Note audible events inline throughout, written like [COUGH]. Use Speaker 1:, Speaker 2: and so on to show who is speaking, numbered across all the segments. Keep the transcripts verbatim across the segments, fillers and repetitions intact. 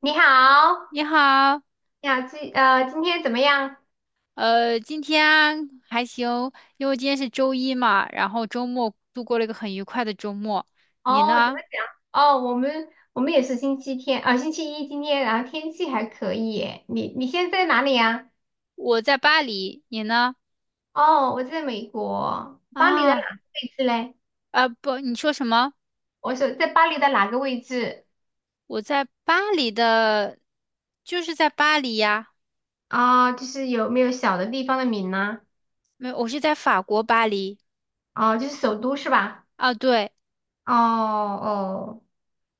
Speaker 1: 你好
Speaker 2: 你好，
Speaker 1: 你好，今呃今天怎么样？
Speaker 2: 呃，今天还行。因为今天是周一嘛，然后周末度过了一个很愉快的周末。你
Speaker 1: 哦，怎么
Speaker 2: 呢？
Speaker 1: 讲？哦，我们我们也是星期天啊，星期一今天，然后天气还可以耶。你你现在在哪里呀？
Speaker 2: 我在巴黎，你呢？
Speaker 1: 哦，我在美国，巴黎的哪
Speaker 2: 啊，
Speaker 1: 个位置嘞？
Speaker 2: 啊不，你说什么？
Speaker 1: 我说在巴黎的哪个位置？
Speaker 2: 我在巴黎的，就是在巴黎呀。
Speaker 1: 啊，就是有没有小的地方的名呢？
Speaker 2: 没有，我是在法国巴黎。
Speaker 1: 哦，就是首都是吧？
Speaker 2: 啊，对。
Speaker 1: 哦哦。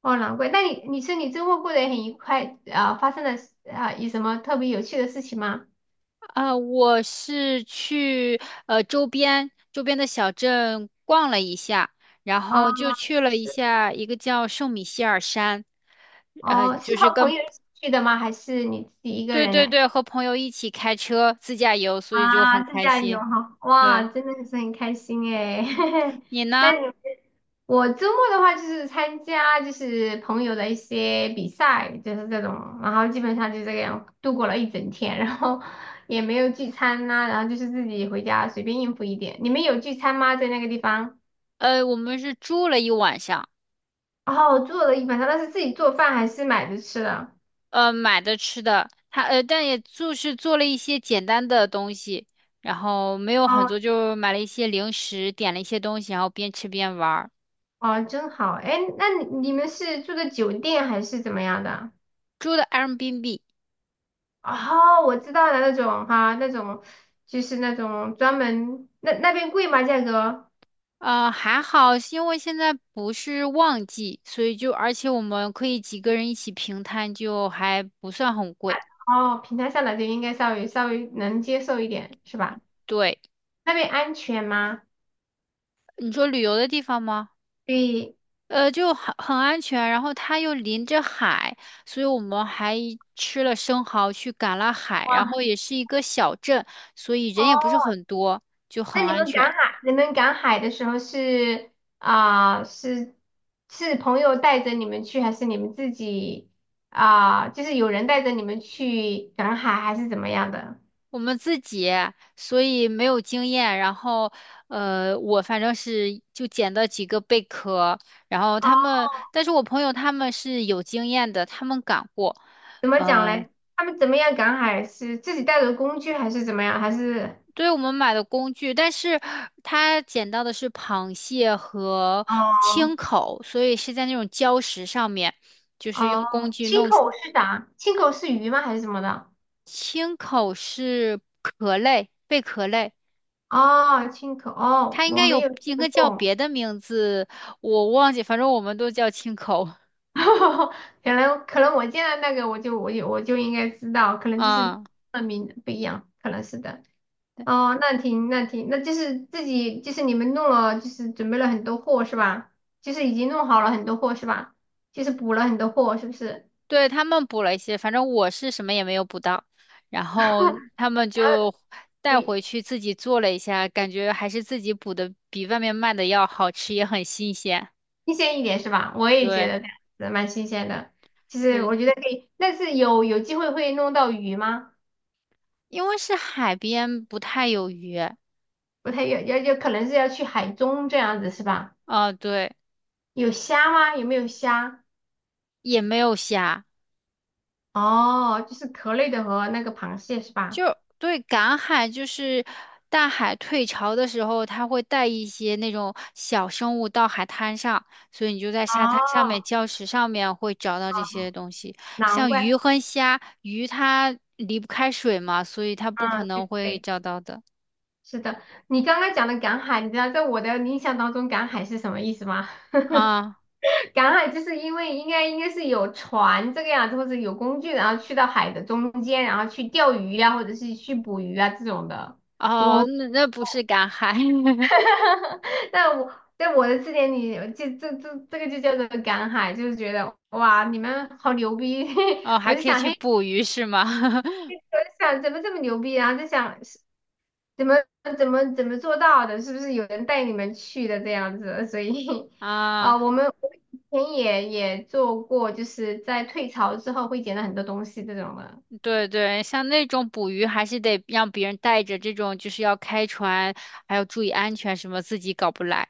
Speaker 1: 哦，难怪。那你你说你周末过得也很愉快，啊？发生了啊有什么特别有趣的事情吗？
Speaker 2: 啊，我是去呃周边周边的小镇逛了一下，然
Speaker 1: 哦。
Speaker 2: 后就去了一
Speaker 1: 是。
Speaker 2: 下一个叫圣米歇尔山。呃。
Speaker 1: 哦，是和朋友一起去的吗？还是你自己一个
Speaker 2: 对
Speaker 1: 人
Speaker 2: 对
Speaker 1: 呢？
Speaker 2: 对，和朋友一起开车自驾游，所以就很
Speaker 1: 啊，自
Speaker 2: 开
Speaker 1: 驾游
Speaker 2: 心。
Speaker 1: 哈，哇，
Speaker 2: 对，
Speaker 1: 真的是很开心诶。[LAUGHS]
Speaker 2: 你
Speaker 1: 那你。
Speaker 2: 呢？
Speaker 1: 我周末的话就是参加就是朋友的一些比赛，就是这种，然后基本上就这个样度过了一整天，然后 [LAUGHS] 也没有聚餐呐、然后就是自己回家随便应付一点。你们有聚餐吗？在那个地方？
Speaker 2: 呃，我们是住了一晚上。
Speaker 1: 哦，做了一晚上，那是自己做饭还是买着吃的？
Speaker 2: 呃，买的吃的。他呃，但也就是做了一些简单的东西，然后没有很
Speaker 1: 哦，
Speaker 2: 多，就买了一些零食，点了一些东西，然后边吃边玩儿。
Speaker 1: 哦，真好。哎，那你你们是住的酒店还是怎么样的？
Speaker 2: 住的 Airbnb。
Speaker 1: 哦，我知道了，那种哈，那种就是那种专门。那那边贵吗？价格？
Speaker 2: 呃，还好，是因为现在不是旺季，所以就而且我们可以几个人一起平摊，就还不算很贵。
Speaker 1: 哦，平台上来就应该稍微稍微能接受一点，是吧？
Speaker 2: 对，
Speaker 1: 那边安全吗？
Speaker 2: 你说旅游的地方吗？
Speaker 1: 对。
Speaker 2: 呃，就很很安全，然后它又临着海，所以我们还吃了生蚝去赶了海，然
Speaker 1: 哇。
Speaker 2: 后也是一个小镇，所以
Speaker 1: 哦，
Speaker 2: 人也不是很多，就
Speaker 1: 那
Speaker 2: 很
Speaker 1: 你
Speaker 2: 安
Speaker 1: 们
Speaker 2: 全。
Speaker 1: 赶海，你们赶海的时候是，啊、是是朋友带着你们去，还是你们自己，啊、就是有人带着你们去赶海，还是怎么样的？
Speaker 2: 我们自己，所以没有经验，然后呃，我反正是就捡到几个贝壳。然后他
Speaker 1: 哦。
Speaker 2: 们，但是我朋友他们是有经验的，他们赶过。
Speaker 1: 怎么讲
Speaker 2: 呃
Speaker 1: 嘞？他们怎么样赶海？是自己带着工具还是怎么样？还是。
Speaker 2: 对，我们买的工具，但是它捡到的是螃蟹和青
Speaker 1: 哦。
Speaker 2: 口，所以是在那种礁石上面，就是用工
Speaker 1: 哦，
Speaker 2: 具
Speaker 1: 青
Speaker 2: 弄起。
Speaker 1: 口是啥？青口是鱼吗？还是什么的？
Speaker 2: 青口是壳类，贝壳类。
Speaker 1: 哦，青口。哦，
Speaker 2: 它应
Speaker 1: 我
Speaker 2: 该
Speaker 1: 没
Speaker 2: 有
Speaker 1: 有见
Speaker 2: 应该叫
Speaker 1: 过。
Speaker 2: 别的名字，我忘记，反正我们都叫青口
Speaker 1: [LAUGHS] 可能可能我见到那个我就我就我就应该知道，可能
Speaker 2: [LAUGHS]
Speaker 1: 就是
Speaker 2: 啊。
Speaker 1: 那名不一样，可能是的。哦，那挺那挺，那就是自己就是你们弄了，就是准备了很多货是吧？就是已经弄好了很多货是吧？就是补了很多货是不是？
Speaker 2: 对，他们补了一些，反正我是什么也没有补到。然后
Speaker 1: [LAUGHS]
Speaker 2: 他们就带回
Speaker 1: 对。
Speaker 2: 去自己做了一下，感觉还是自己补的比外面卖的要好吃，也很新鲜。
Speaker 1: 新鲜一点是吧？我也觉
Speaker 2: 对
Speaker 1: 得这样子蛮新鲜的。其实
Speaker 2: 对，
Speaker 1: 我觉得可以，但是有有机会会弄到鱼吗？
Speaker 2: 因为是海边，不太有鱼。
Speaker 1: 不太要要要，可能是要去海中这样子是吧？
Speaker 2: 啊，对，
Speaker 1: 有虾吗？有没有虾？
Speaker 2: 也没有虾。
Speaker 1: 哦，就是壳类的和那个螃蟹是吧？
Speaker 2: 就对，赶海就是大海退潮的时候，它会带一些那种小生物到海滩上，所以你就在沙滩上面、
Speaker 1: 哦，
Speaker 2: 礁石上面会找到这些东西。
Speaker 1: 难
Speaker 2: 像鱼
Speaker 1: 怪。
Speaker 2: 和虾，鱼它离不开水嘛，所以它不可
Speaker 1: 嗯，
Speaker 2: 能
Speaker 1: 对
Speaker 2: 会
Speaker 1: 对，
Speaker 2: 找到的
Speaker 1: 是的。你刚刚讲的赶海，你知道在我的印象当中，赶海是什么意思吗？
Speaker 2: 啊。
Speaker 1: 赶海就是因为应该应该是有船这个样子，或者有工具，然后去到海的中间，然后去钓鱼呀、或者是去捕鱼啊这种的。
Speaker 2: 哦，
Speaker 1: 我。
Speaker 2: 那那不是赶海。[LAUGHS]
Speaker 1: [LAUGHS] 但我在我的字典里，这这这这个就叫做赶海，就是觉得哇，你们好牛逼！
Speaker 2: 哦，
Speaker 1: [LAUGHS] 我
Speaker 2: 还
Speaker 1: 就
Speaker 2: 可以
Speaker 1: 想，
Speaker 2: 去
Speaker 1: 嘿，
Speaker 2: 捕鱼是吗？[LAUGHS]
Speaker 1: 我就想怎么这么牛逼，然后就想怎么怎么怎么做到的？是不是有人带你们去的这样子？所以。[LAUGHS]
Speaker 2: 啊。
Speaker 1: 啊、我们我们以前也也做过，就是在退潮之后会捡到很多东西这种的。
Speaker 2: 对对，像那种捕鱼还是得让别人带着，这种就是要开船，还要注意安全什么，自己搞不来。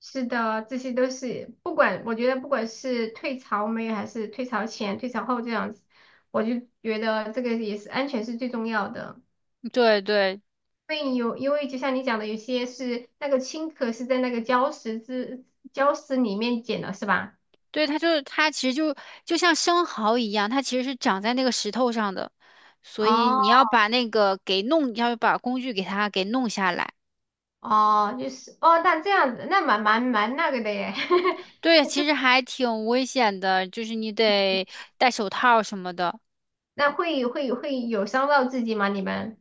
Speaker 1: 是的，这些都是不管，我觉得不管是退潮没有，还是退潮前、退潮后这样子，我就觉得这个也是安全是最重要的。
Speaker 2: 对对
Speaker 1: 因为有，因为就像你讲的，有些是那个青壳是在那个礁石之礁石里面捡的，是吧？
Speaker 2: 对，它就是它其实就就像生蚝一样，它其实是长在那个石头上的。所以
Speaker 1: 哦。
Speaker 2: 你要把那个给弄，要把工具给它给弄下来。
Speaker 1: 哦，就是哦，那这样子，那蛮蛮蛮那个的耶。[LAUGHS]
Speaker 2: 对，其实还挺危险的，就是你得戴手套什么的。
Speaker 1: 那会会会有伤到自己吗？你们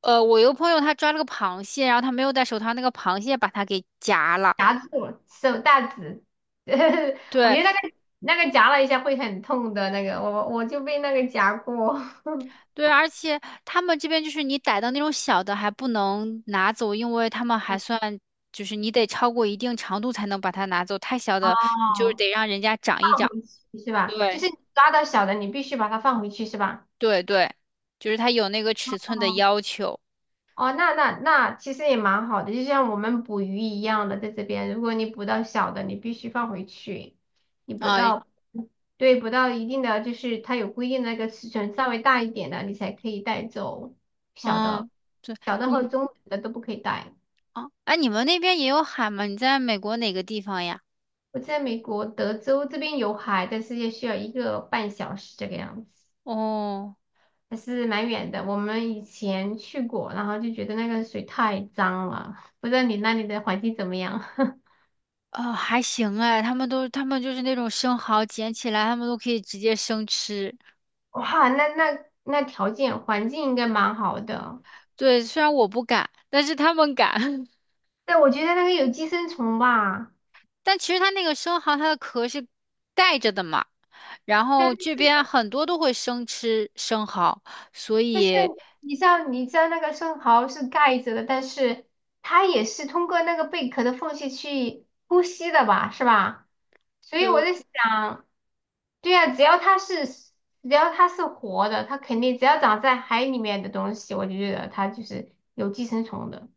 Speaker 2: 呃，我有个朋友他抓了个螃蟹，然后他没有戴手套，那个螃蟹把它给夹了。
Speaker 1: 夹住了手大指。[LAUGHS] 我觉
Speaker 2: 对，
Speaker 1: 得那个那个夹了一下会很痛的那个，我我就被那个夹过。[LAUGHS]
Speaker 2: 对，而且他们这边就是你逮到那种小的还不能拿走，因为他们还算就是你得超过一定长度才能把它拿走，太小的你就是
Speaker 1: 哦，
Speaker 2: 得让人家长一长。
Speaker 1: 回去是吧？就
Speaker 2: 对
Speaker 1: 是你抓到小的，你必须把它放回去是吧？
Speaker 2: 对对，就是它有那个尺寸的
Speaker 1: 哦。
Speaker 2: 要求
Speaker 1: 哦，那那那其实也蛮好的，就像我们捕鱼一样的，在这边，如果你捕到小的，你必须放回去。你捕
Speaker 2: 啊。
Speaker 1: 到，对，捕到一定的，就是它有规定的那个尺寸，稍微大一点的，你才可以带走小的。
Speaker 2: 嗯，对
Speaker 1: 小的和
Speaker 2: 你
Speaker 1: 中等的都不可以带。
Speaker 2: 啊，哎，你们那边也有海吗？你在美国哪个地方呀？
Speaker 1: 我在美国德州这边有海，但是也需要一个半小时这个样子，
Speaker 2: 哦，
Speaker 1: 还是蛮远的。我们以前去过，然后就觉得那个水太脏了，不知道你那里的环境怎么样？[LAUGHS]
Speaker 2: 哦，还行哎，他们都他们就是那种生蚝捡起来，他们都可以直接生吃。
Speaker 1: 哇，那那那条件环境应该蛮好的。
Speaker 2: 对，虽然我不敢，但是他们敢。[LAUGHS]
Speaker 1: 但我觉得那个有寄生虫吧，
Speaker 2: 但其实它那个生蚝，它的壳是盖着的嘛。然
Speaker 1: 但
Speaker 2: 后这
Speaker 1: 是
Speaker 2: 边很多都会生吃生蚝，所
Speaker 1: 但是
Speaker 2: 以
Speaker 1: 你知道你知道那个生蚝是盖着的，但是它也是通过那个贝壳的缝隙去呼吸的吧，是吧？所以我
Speaker 2: 就，
Speaker 1: 在想，对呀，只要它是只要它是活的，它肯定只要长在海里面的东西，我就觉得它就是有寄生虫的。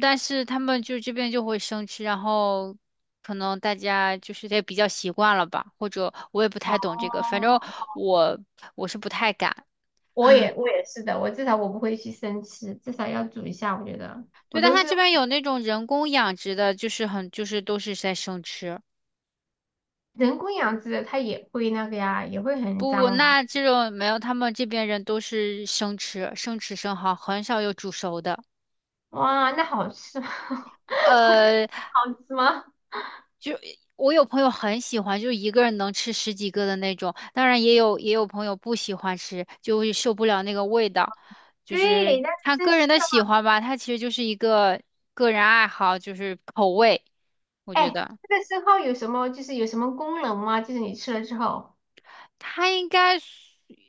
Speaker 2: 但是他们就这边就会生吃，然后可能大家就是也比较习惯了吧，或者我也不太懂这个。反正
Speaker 1: 哦。
Speaker 2: 我我是不太敢。
Speaker 1: 我也我也是的，我至少我不会去生吃，至少要煮一下。我觉得。我
Speaker 2: 对，但
Speaker 1: 都
Speaker 2: 它
Speaker 1: 是
Speaker 2: 这边有那种人工养殖的，就是很就是都是在生吃。
Speaker 1: 人工养殖的，它也会那个呀，也会很
Speaker 2: 不不，
Speaker 1: 脏吧？
Speaker 2: 那这种没有，他们这边人都是生吃，生吃生蚝，很少有煮熟的。
Speaker 1: 哇，那好吃吗？[LAUGHS] 我觉得
Speaker 2: 呃，
Speaker 1: 好吃吗？
Speaker 2: 我有朋友很喜欢，就是一个人能吃十几个的那种。当然，也有也有朋友不喜欢吃，就会受不了那个味道。就是
Speaker 1: 对，那
Speaker 2: 他
Speaker 1: 真
Speaker 2: 个
Speaker 1: 是
Speaker 2: 人的
Speaker 1: 的。
Speaker 2: 喜欢吧，他其实就是一个个人爱好，就是口味。我觉
Speaker 1: 哎，
Speaker 2: 得
Speaker 1: 这个生蚝有什么就是有什么功能吗？就是你吃了之后，
Speaker 2: 他应该是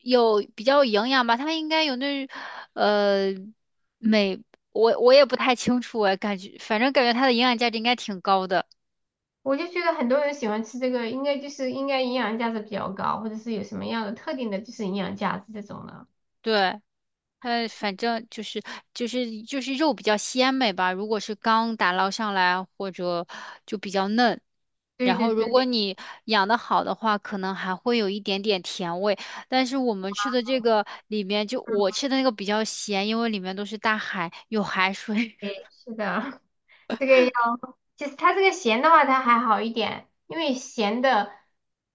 Speaker 2: 有比较有营养吧，他应该有那呃美。我我也不太清楚哎，感觉反正感觉它的营养价值应该挺高的。
Speaker 1: 我就觉得很多人喜欢吃这个，应该就是应该营养价值比较高，或者是有什么样的特定的就是营养价值这种的。
Speaker 2: 对，它反正就是就是就是肉比较鲜美吧，如果是刚打捞上来或者就比较嫩。
Speaker 1: 对
Speaker 2: 然
Speaker 1: 对
Speaker 2: 后如果
Speaker 1: 对
Speaker 2: 你养的好的话，可能还会有一点点甜味。但是我们吃的这个里面就我吃的那个比较咸，因为里面都是大海，有海水。
Speaker 1: 对，是的。[LAUGHS] 这个。其实它这个咸的话，它还好一点，因为咸的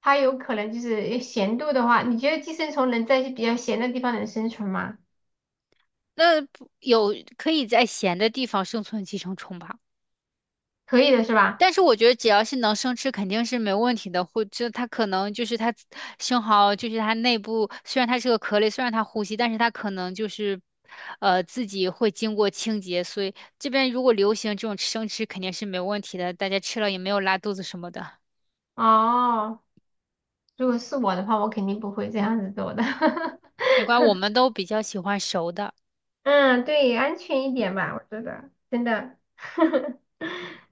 Speaker 1: 它有可能就是咸度的话，你觉得寄生虫能在比较咸的地方能生存吗？
Speaker 2: [LAUGHS] 那不有可以在咸的地方生存寄生虫吧？
Speaker 1: 可以的是吧？
Speaker 2: 但是我觉得只要是能生吃，肯定是没问题的。或者它可能就是它生蚝，就是它内部虽然它是个壳类，虽然它呼吸，但是它可能就是，呃，自己会经过清洁。所以这边如果流行这种生吃，肯定是没问题的，大家吃了也没有拉肚子什么的。
Speaker 1: 哦，如果是我的话，我肯定不会这样子做的。
Speaker 2: 没关系，我们
Speaker 1: [LAUGHS]
Speaker 2: 都比较喜欢熟的。
Speaker 1: 嗯，对，安全一点吧，我觉得真的。 [LAUGHS]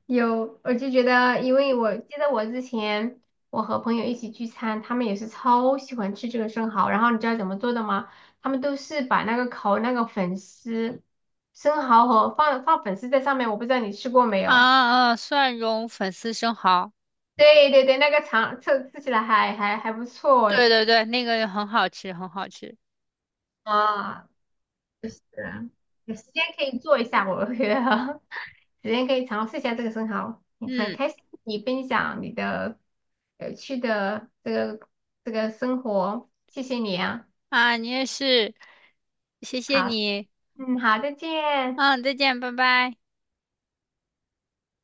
Speaker 1: 有，我就觉得，因为我记得我之前我和朋友一起聚餐，他们也是超喜欢吃这个生蚝，然后你知道怎么做的吗？他们都是把那个烤那个粉丝生蚝和放放粉丝在上面，我不知道你吃过没
Speaker 2: 啊
Speaker 1: 有？
Speaker 2: 啊，蒜蓉粉丝生蚝。
Speaker 1: 对对对，那个尝吃吃起来还还还不错。
Speaker 2: 对对对，那个很好吃，很好吃。
Speaker 1: 啊，就是有时间可以做一下，我觉得。首先可以尝试一下这个生蚝，很
Speaker 2: 嗯
Speaker 1: 开心你分享你的有趣的这个这个生活，谢谢你啊。
Speaker 2: 啊，你也是，谢谢
Speaker 1: 好，
Speaker 2: 你。
Speaker 1: 嗯，好，再见。
Speaker 2: 嗯，再见，拜拜。